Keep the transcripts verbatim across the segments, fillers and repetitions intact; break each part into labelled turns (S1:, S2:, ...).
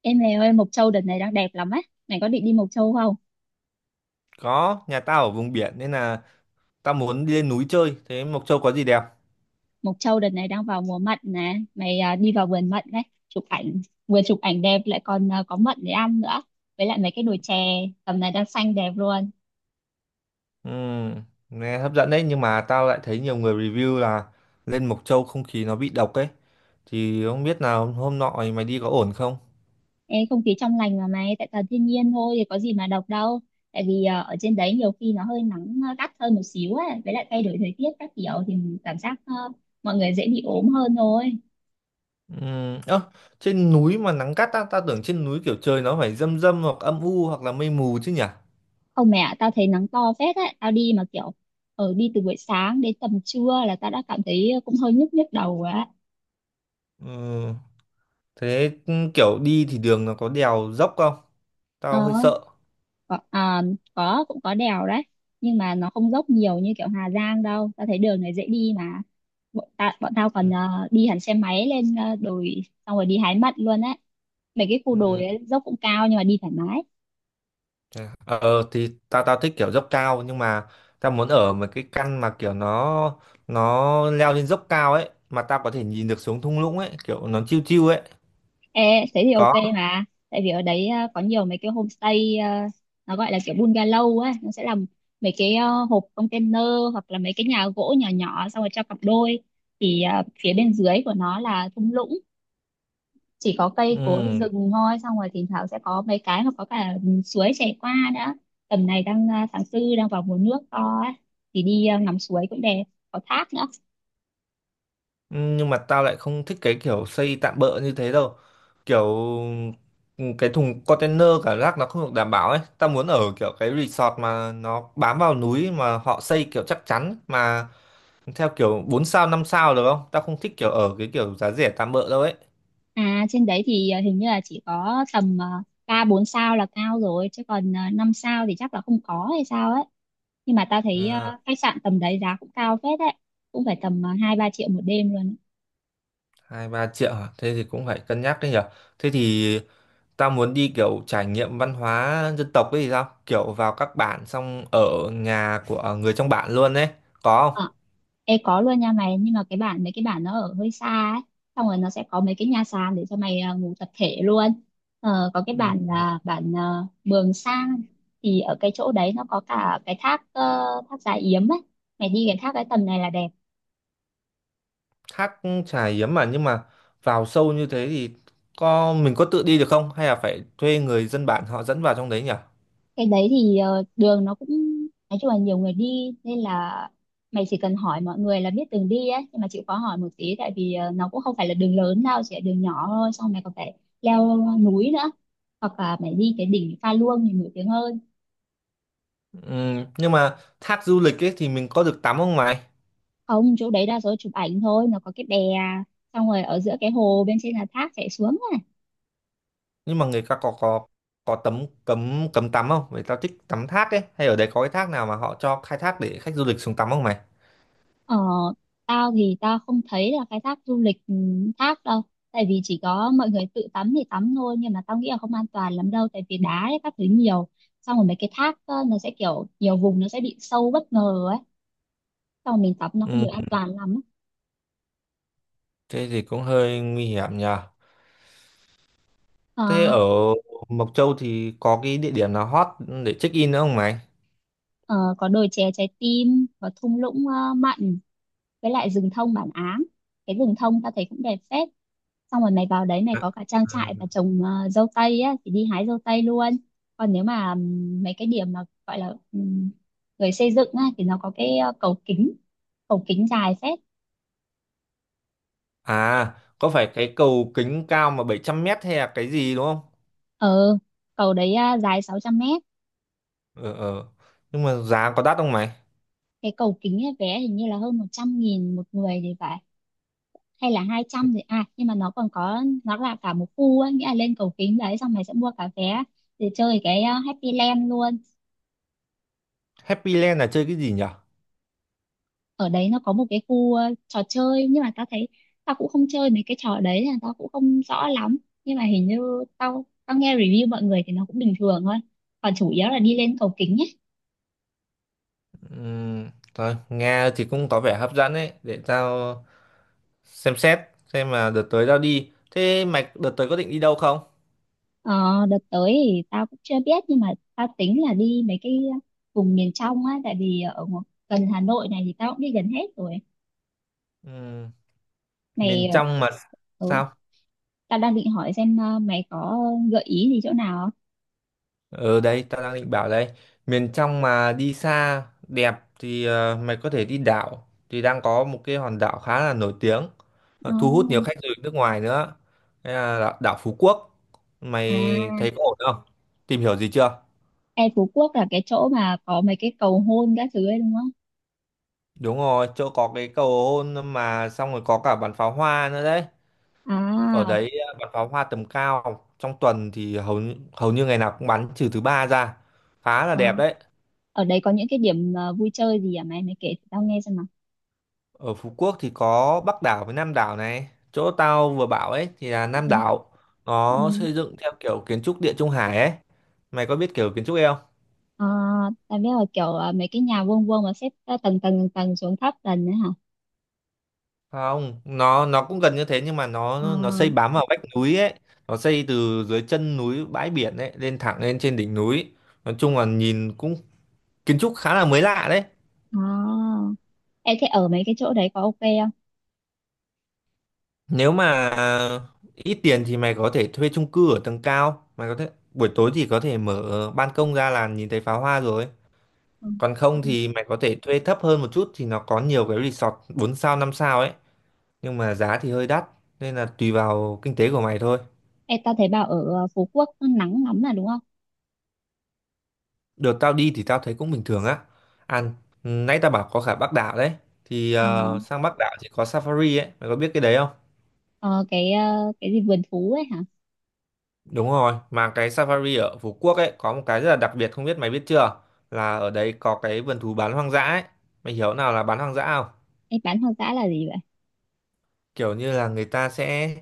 S1: Em này ơi, Mộc Châu đợt này đang đẹp lắm ấy. Mày có định đi Mộc Châu không?
S2: Có, nhà tao ở vùng biển nên là tao muốn đi lên núi chơi. Thế Mộc Châu có gì đẹp?
S1: Mộc Châu đợt này đang vào mùa mận nè. Mày à, đi vào vườn mận đấy. Chụp ảnh, vừa chụp ảnh đẹp lại còn à, có mận để ăn nữa. Với lại mấy cái đồi chè tầm này đang xanh đẹp luôn.
S2: Ừ, nghe hấp dẫn đấy nhưng mà tao lại thấy nhiều người review là lên Mộc Châu không khí nó bị độc ấy. Thì không biết là hôm hôm nọ mày đi có ổn không?
S1: Ê, không khí trong lành mà mày, tại toàn thiên nhiên thôi thì có gì mà độc đâu. Tại vì à, ở trên đấy nhiều khi nó hơi nắng à, gắt hơn một xíu ấy. Với lại thay đổi thời tiết các kiểu thì mình cảm giác à, mọi người dễ bị ốm hơn thôi.
S2: Ừ, ơ, trên núi mà nắng gắt á, tao tưởng trên núi kiểu trời nó phải râm râm hoặc âm u hoặc là mây mù chứ nhỉ?
S1: Không mẹ ạ, tao thấy nắng to phết á, tao đi mà kiểu ở đi từ buổi sáng đến tầm trưa là tao đã cảm thấy cũng hơi nhức nhức đầu rồi á.
S2: Ừ, thế kiểu đi thì đường nó có đèo dốc không?
S1: Ờ,
S2: Tao hơi sợ.
S1: có, à, có cũng có đèo đấy, nhưng mà nó không dốc nhiều như kiểu Hà Giang đâu. Tao thấy đường này dễ đi mà. Bọn, ta, bọn tao còn ờ, đi hẳn xe máy lên ờ, đồi xong rồi đi hái mận luôn á. Mấy cái khu
S2: Ừ.
S1: đồi ấy, dốc cũng cao nhưng mà đi thoải mái.
S2: Thế à? Ờ thì tao tao thích kiểu dốc cao nhưng mà tao muốn ở một cái căn mà kiểu nó nó leo lên dốc cao ấy mà tao có thể nhìn được xuống thung lũng ấy kiểu nó chill chill ấy
S1: Ê, thế thì ok
S2: có
S1: mà tại vì ở đấy ờ, có nhiều mấy cái homestay ờ, nó gọi là kiểu bungalow ấy, nó sẽ làm mấy cái ờ, hộp container hoặc là mấy cái nhà gỗ nhỏ nhỏ xong rồi cho cặp đôi, thì ờ, phía bên dưới của nó là thung lũng, chỉ có cây cối
S2: ừ.
S1: rừng thôi, xong rồi thỉnh thoảng sẽ có mấy cái mà có cả suối chảy qua nữa. Tầm này đang ờ, tháng tư, đang vào mùa nước to ấy, thì đi ờ, ngắm suối cũng đẹp, có thác nữa.
S2: Ừ, nhưng mà tao lại không thích cái kiểu xây tạm bợ như thế đâu kiểu ừ, cái thùng container cả rác nó không được đảm bảo ấy, tao muốn ở kiểu cái resort mà nó bám vào núi mà họ xây kiểu chắc chắn mà theo kiểu bốn sao năm sao được không. Tao không thích kiểu ở cái kiểu giá rẻ tạm bợ đâu ấy.
S1: À, trên đấy thì ờ, hình như là chỉ có tầm ờ, ba bốn sao là cao rồi, chứ còn ờ, năm sao thì chắc là không có hay sao ấy. Nhưng mà tao thấy ờ,
S2: À.
S1: khách sạn tầm đấy giá cũng cao phết đấy, cũng phải tầm ờ, hai ba triệu một đêm luôn ấy.
S2: Hai ba triệu à? Thế thì cũng phải cân nhắc đấy nhở. Thế thì ta muốn đi kiểu trải nghiệm văn hóa dân tộc ấy thì sao, kiểu vào các bản xong ở nhà của người trong bản luôn đấy, có không?
S1: Ờ, Ê, có luôn nha mày, nhưng mà cái bản mấy cái bản nó ở hơi xa ấy, xong rồi nó sẽ có mấy cái nhà sàn để cho mày ờ, ngủ tập thể luôn. Ờ, có cái
S2: Ừ,
S1: bản là bản ờ, Mường Sang, thì ở cái chỗ đấy nó có cả cái thác ờ, thác Già Yếm ấy. Mày đi cái thác cái tầm này là đẹp.
S2: thác Chài Yếm mà, nhưng mà vào sâu như thế thì có mình có tự đi được không hay là phải thuê người dân bản họ dẫn vào trong đấy nhở?
S1: Cái đấy thì ờ, đường nó cũng, nói chung là nhiều người đi nên là mày chỉ cần hỏi mọi người là biết đường đi ấy, nhưng mà chịu khó hỏi một tí, tại vì ờ, nó cũng không phải là đường lớn đâu, chỉ là đường nhỏ thôi, xong mày còn phải leo núi nữa, hoặc là mày đi cái đỉnh Pha Luông thì nổi tiếng hơn.
S2: Ừ, nhưng mà thác du lịch ấy thì mình có được tắm không mày?
S1: Không, chỗ đấy đa số chụp ảnh thôi, nó có cái bè xong rồi ở giữa cái hồ, bên trên là thác chảy xuống.
S2: Nhưng mà người ta có có có tấm cấm cấm tắm không, người ta thích tắm thác ấy, hay ở đấy có cái thác nào mà họ cho khai thác để khách du lịch xuống tắm không mày?
S1: Ờ, tao thì tao không thấy là cái thác du lịch ừ, thác đâu, tại vì chỉ có mọi người tự tắm thì tắm thôi, nhưng mà tao nghĩ là không an toàn lắm đâu, tại vì đá ấy, các thứ nhiều, xong rồi mấy cái thác ờ, nó sẽ kiểu nhiều vùng nó sẽ bị sâu bất ngờ ấy, xong rồi mình tắm nó không
S2: Ừ,
S1: được an toàn lắm.
S2: thế thì cũng hơi nguy hiểm nhờ.
S1: Ờ,
S2: Thế ở Mộc Châu thì có cái địa điểm nào hot để check in nữa không mày?
S1: ờ, có đồi chè trái tim, có thung lũng ờ, mặn, với lại rừng thông bản Áng. Cái rừng thông ta thấy cũng đẹp phết, xong rồi mày vào đấy mày
S2: À,
S1: có cả trang trại và trồng ờ, dâu tây á thì đi hái dâu tây luôn. Còn nếu mà ừm, mấy cái điểm mà gọi là ừm, người xây dựng á thì nó có cái ờ, cầu kính, cầu kính dài phết.
S2: à, có phải cái cầu kính cao mà 700 mét hay là cái gì đúng không?
S1: ờ Cầu đấy ờ, dài sáu trăm mét.
S2: Ờ ờ, nhưng mà giá có đắt không mày?
S1: Cái cầu kính ấy, vé hình như là hơn một trăm nghìn một người thì phải, hay là hai trăm thì à nhưng mà nó còn có, nó là cả một khu á, nghĩa là lên cầu kính đấy xong mày sẽ mua cả vé để chơi cái ờ, Happy Land luôn.
S2: Happy Land là chơi cái gì nhở?
S1: Ở đấy nó có một cái khu ờ, trò chơi, nhưng mà tao thấy tao cũng không chơi mấy cái trò đấy nên là tao cũng không rõ lắm, nhưng mà hình như tao tao nghe review mọi người thì nó cũng bình thường thôi, còn chủ yếu là đi lên cầu kính ấy.
S2: Ừm, thôi nghe thì cũng có vẻ hấp dẫn ấy, để tao xem xét xem là đợt tới tao đi. Thế mày đợt tới có định đi đâu không?
S1: ờ, Đợt tới thì tao cũng chưa biết, nhưng mà tao tính là đi mấy cái vùng miền trong á, tại vì ở ngo- gần Hà Nội này thì tao cũng đi gần hết rồi.
S2: Ừ,
S1: Mày
S2: miền
S1: ờ,
S2: trong mà
S1: ừ,
S2: sao?
S1: tao đang định hỏi xem ờ, mày có gợi ý gì chỗ nào
S2: Ở đây tao đang định bảo đây. Miền trong mà đi xa đẹp thì ờ, mày có thể đi đảo. Thì đang có một cái hòn đảo khá là nổi tiếng, ờ, thu hút nhiều
S1: không?
S2: khách du lịch nước ngoài nữa. Đây là đảo, đảo Phú Quốc. Mày
S1: Ờ,
S2: thấy
S1: à.
S2: có ổn không, tìm hiểu gì chưa?
S1: Ê, Phú Quốc là cái chỗ mà có mấy cái cầu hôn các thứ ấy đúng không?
S2: Đúng rồi, chỗ có cái cầu hôn mà, xong rồi có cả bắn pháo hoa nữa đấy. Ở
S1: À,
S2: đấy bắn pháo hoa tầm cao trong tuần thì hầu như, hầu như ngày nào cũng bắn, trừ thứ ba ra. Khá là
S1: ờ.
S2: đẹp đấy.
S1: Ở đấy có những cái điểm ờ, vui chơi gì à mày? Mày kể tao nghe xem nào.
S2: Ở Phú Quốc thì có Bắc đảo với Nam đảo. Này chỗ tao vừa bảo ấy thì là
S1: Ừ.
S2: Nam đảo, nó
S1: Ừ.
S2: xây dựng theo kiểu kiến trúc Địa Trung Hải ấy. Mày có biết kiểu kiến trúc ấy không?
S1: Ờ, tao biết là kiểu ờ, mấy cái nhà vuông vuông mà xếp ờ, tầng tầng tầng tầng xuống thấp tầng đấy hả?
S2: Không, nó nó cũng gần như thế nhưng mà
S1: Ờ,
S2: nó nó xây bám vào vách núi ấy, nó xây từ dưới chân núi bãi biển ấy lên thẳng lên trên đỉnh núi. Nói chung là nhìn cũng kiến trúc khá là mới lạ đấy.
S1: à. Ê, thế ở mấy cái chỗ đấy có ok không?
S2: Nếu mà ít tiền thì mày có thể thuê chung cư ở tầng cao, mày có thể buổi tối thì có thể mở ban công ra là nhìn thấy pháo hoa rồi.
S1: Ừ.
S2: Còn
S1: Ừ.
S2: không thì mày có thể thuê thấp hơn một chút thì nó có nhiều cái resort bốn sao năm sao ấy, nhưng mà giá thì hơi đắt, nên là tùy vào kinh tế của mày thôi.
S1: Ê, tao thấy bảo ở ờ, Phú Quốc nó nắng lắm là đúng không?
S2: Đợt tao đi thì tao thấy cũng bình thường á. Ăn, nãy tao bảo có cả Bắc đảo đấy. Thì
S1: Ờ,
S2: ờ, sang Bắc đảo thì có Safari ấy, mày có biết cái đấy không?
S1: ờ, cái ờ, cái gì vườn thú ấy hả?
S2: Đúng rồi, mà cái Safari ở Phú Quốc ấy có một cái rất là đặc biệt không biết mày biết chưa? Là ở đấy có cái vườn thú bán hoang dã ấy. Mày hiểu nào là bán hoang dã không?
S1: Ê, bán hoang dã là gì vậy?
S2: Kiểu như là người ta sẽ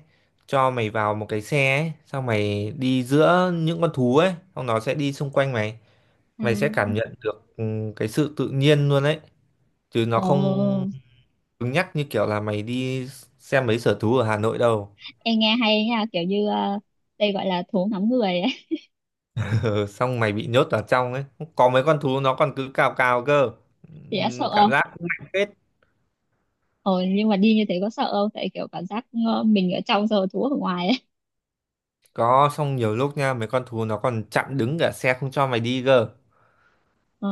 S2: cho mày vào một cái xe ấy, xong mày đi giữa những con thú ấy, xong nó sẽ đi xung quanh mày.
S1: À,
S2: Mày sẽ cảm nhận được ừ, cái sự tự nhiên luôn ấy, chứ nó không
S1: ồ,
S2: cứng nhắc như kiểu là mày đi xem mấy sở thú ở Hà Nội đâu.
S1: em nghe hay nha, kiểu như ờ, đây gọi là thú ngắm người ấy.
S2: Ừ, xong mày bị nhốt vào trong ấy. Có mấy con thú nó còn cứ cào cào cơ.
S1: Thì đã
S2: Ừ,
S1: sợ
S2: cảm
S1: không?
S2: giác cũng mạnh phết.
S1: Ồ, nhưng mà đi như thế có sợ không, tại kiểu cảm giác ờ, mình ở trong rồi thú ở ngoài ấy.
S2: Có, xong nhiều lúc nha, mấy con thú nó còn chặn đứng cả xe không cho mày đi cơ.
S1: Ờ,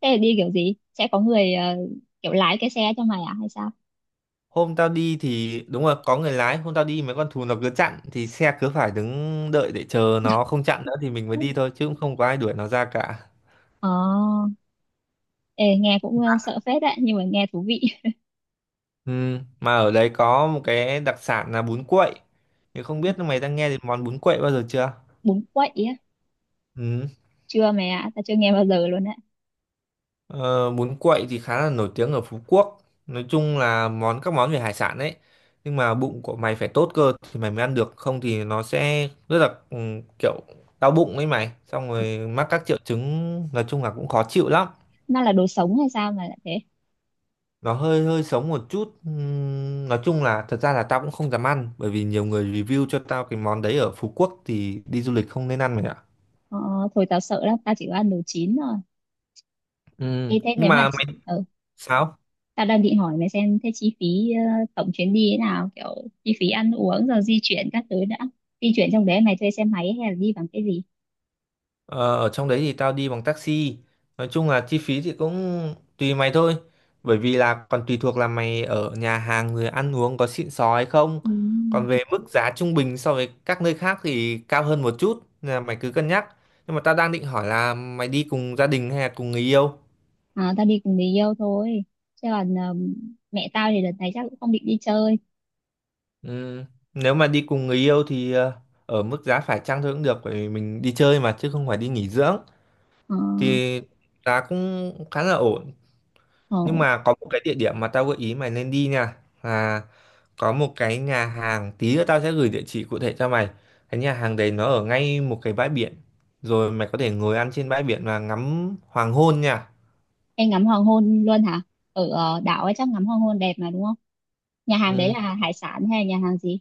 S1: thế là đi kiểu gì sẽ có người ờ, kiểu lái cái xe cho mày à hay sao?
S2: Hôm tao đi thì đúng rồi, có người lái. Hôm tao đi mấy con thú nó cứ chặn, thì xe cứ phải đứng đợi để chờ nó không chặn nữa thì mình mới đi thôi, chứ cũng không có ai đuổi nó ra cả.
S1: Ờ, ê, nghe cũng ờ, sợ phết đấy nhưng mà nghe thú vị.
S2: Ừ. Mà ở đấy có một cái đặc sản là bún quậy. Thì không biết mày đang nghe đến món bún quậy bao giờ chưa?
S1: Bún quậy á?
S2: Ừ.
S1: Chưa mày ạ, tao chưa nghe bao giờ luôn đấy.
S2: Ờ, bún quậy thì khá là nổi tiếng ở Phú Quốc, nói chung là món các món về hải sản đấy, nhưng mà bụng của mày phải tốt cơ thì mày mới ăn được, không thì nó sẽ rất là ừ, kiểu đau bụng ấy mày, xong rồi mắc các triệu chứng, nói chung là cũng khó chịu lắm.
S1: Nó là đồ sống hay sao mà lại thế?
S2: Nó hơi hơi sống một chút. Ừm, nói chung là thật ra là tao cũng không dám ăn, bởi vì nhiều người review cho tao cái món đấy ở Phú Quốc thì đi du lịch không nên ăn mày ạ.
S1: Ờ, thôi tao sợ lắm, tao chỉ có ăn đồ chín thôi. Ê,
S2: Ừm,
S1: thế
S2: nhưng
S1: nếu mà
S2: mà
S1: chị-
S2: mày
S1: ừ,
S2: sao?
S1: Tao đang định hỏi mày xem thế chi phí ờ, tổng chuyến đi thế nào, kiểu chi phí ăn uống rồi di chuyển các thứ đã. Di chuyển trong đấy mày thuê xe máy hay là đi bằng cái gì?
S2: Ờ, ở trong đấy thì tao đi bằng taxi. Nói chung là chi phí thì cũng tùy mày thôi. Bởi vì là còn tùy thuộc là mày ở nhà hàng rồi ăn uống có xịn sò hay không.
S1: Ừ.
S2: Còn về mức giá trung bình so với các nơi khác thì cao hơn một chút. Nên là mày cứ cân nhắc. Nhưng mà tao đang định hỏi là mày đi cùng gia đình hay là cùng người yêu?
S1: À, tao đi cùng người yêu thôi. Chứ còn ờ, mẹ tao thì đợt này chắc cũng không định đi chơi.
S2: Ừm, nếu mà đi cùng người yêu thì ờ, ở mức giá phải chăng thôi cũng được. Bởi vì mình đi chơi mà chứ không phải đi nghỉ dưỡng.
S1: Ờ,
S2: Thì giá cũng khá là ổn. Nhưng
S1: ờ,
S2: mà có một cái địa điểm mà tao gợi ý mày nên đi nha, là có một cái nhà hàng, tí nữa tao sẽ gửi địa chỉ cụ thể cho mày. Cái nhà hàng đấy nó ở ngay một cái bãi biển. Rồi mày có thể ngồi ăn trên bãi biển và ngắm hoàng hôn nha.
S1: em ngắm hoàng hôn luôn hả? Ở ờ, đảo ấy chắc ngắm hoàng hôn đẹp mà đúng không? Nhà hàng đấy
S2: Ừ,
S1: là hải sản hay nhà hàng gì?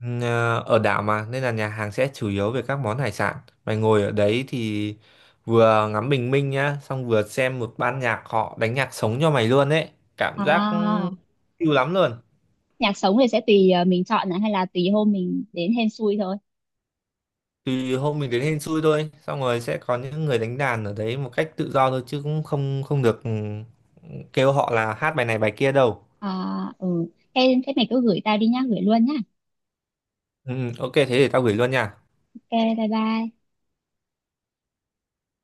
S2: ừ, ờ, ở đảo mà nên là nhà hàng sẽ chủ yếu về các món hải sản. Mày ngồi ở đấy thì vừa ngắm bình minh nhá, xong vừa xem một ban nhạc họ đánh nhạc sống cho mày luôn ấy. Cảm giác
S1: À,
S2: siêu lắm luôn.
S1: nhạc sống thì sẽ tùy ờ, mình chọn này hay là tùy hôm mình đến hên xui thôi.
S2: Thì hôm mình đến hên xui thôi, xong rồi sẽ có những người đánh đàn ở đấy một cách tự do thôi, chứ cũng không không được ừ, kêu họ là hát bài này bài kia đâu.
S1: À, ừ. Thế, thế mày cứ gửi tao đi nhá, gửi luôn nhá.
S2: Ừ, ừ, ok thế thì tao gửi luôn nha.
S1: Ok, bye bye.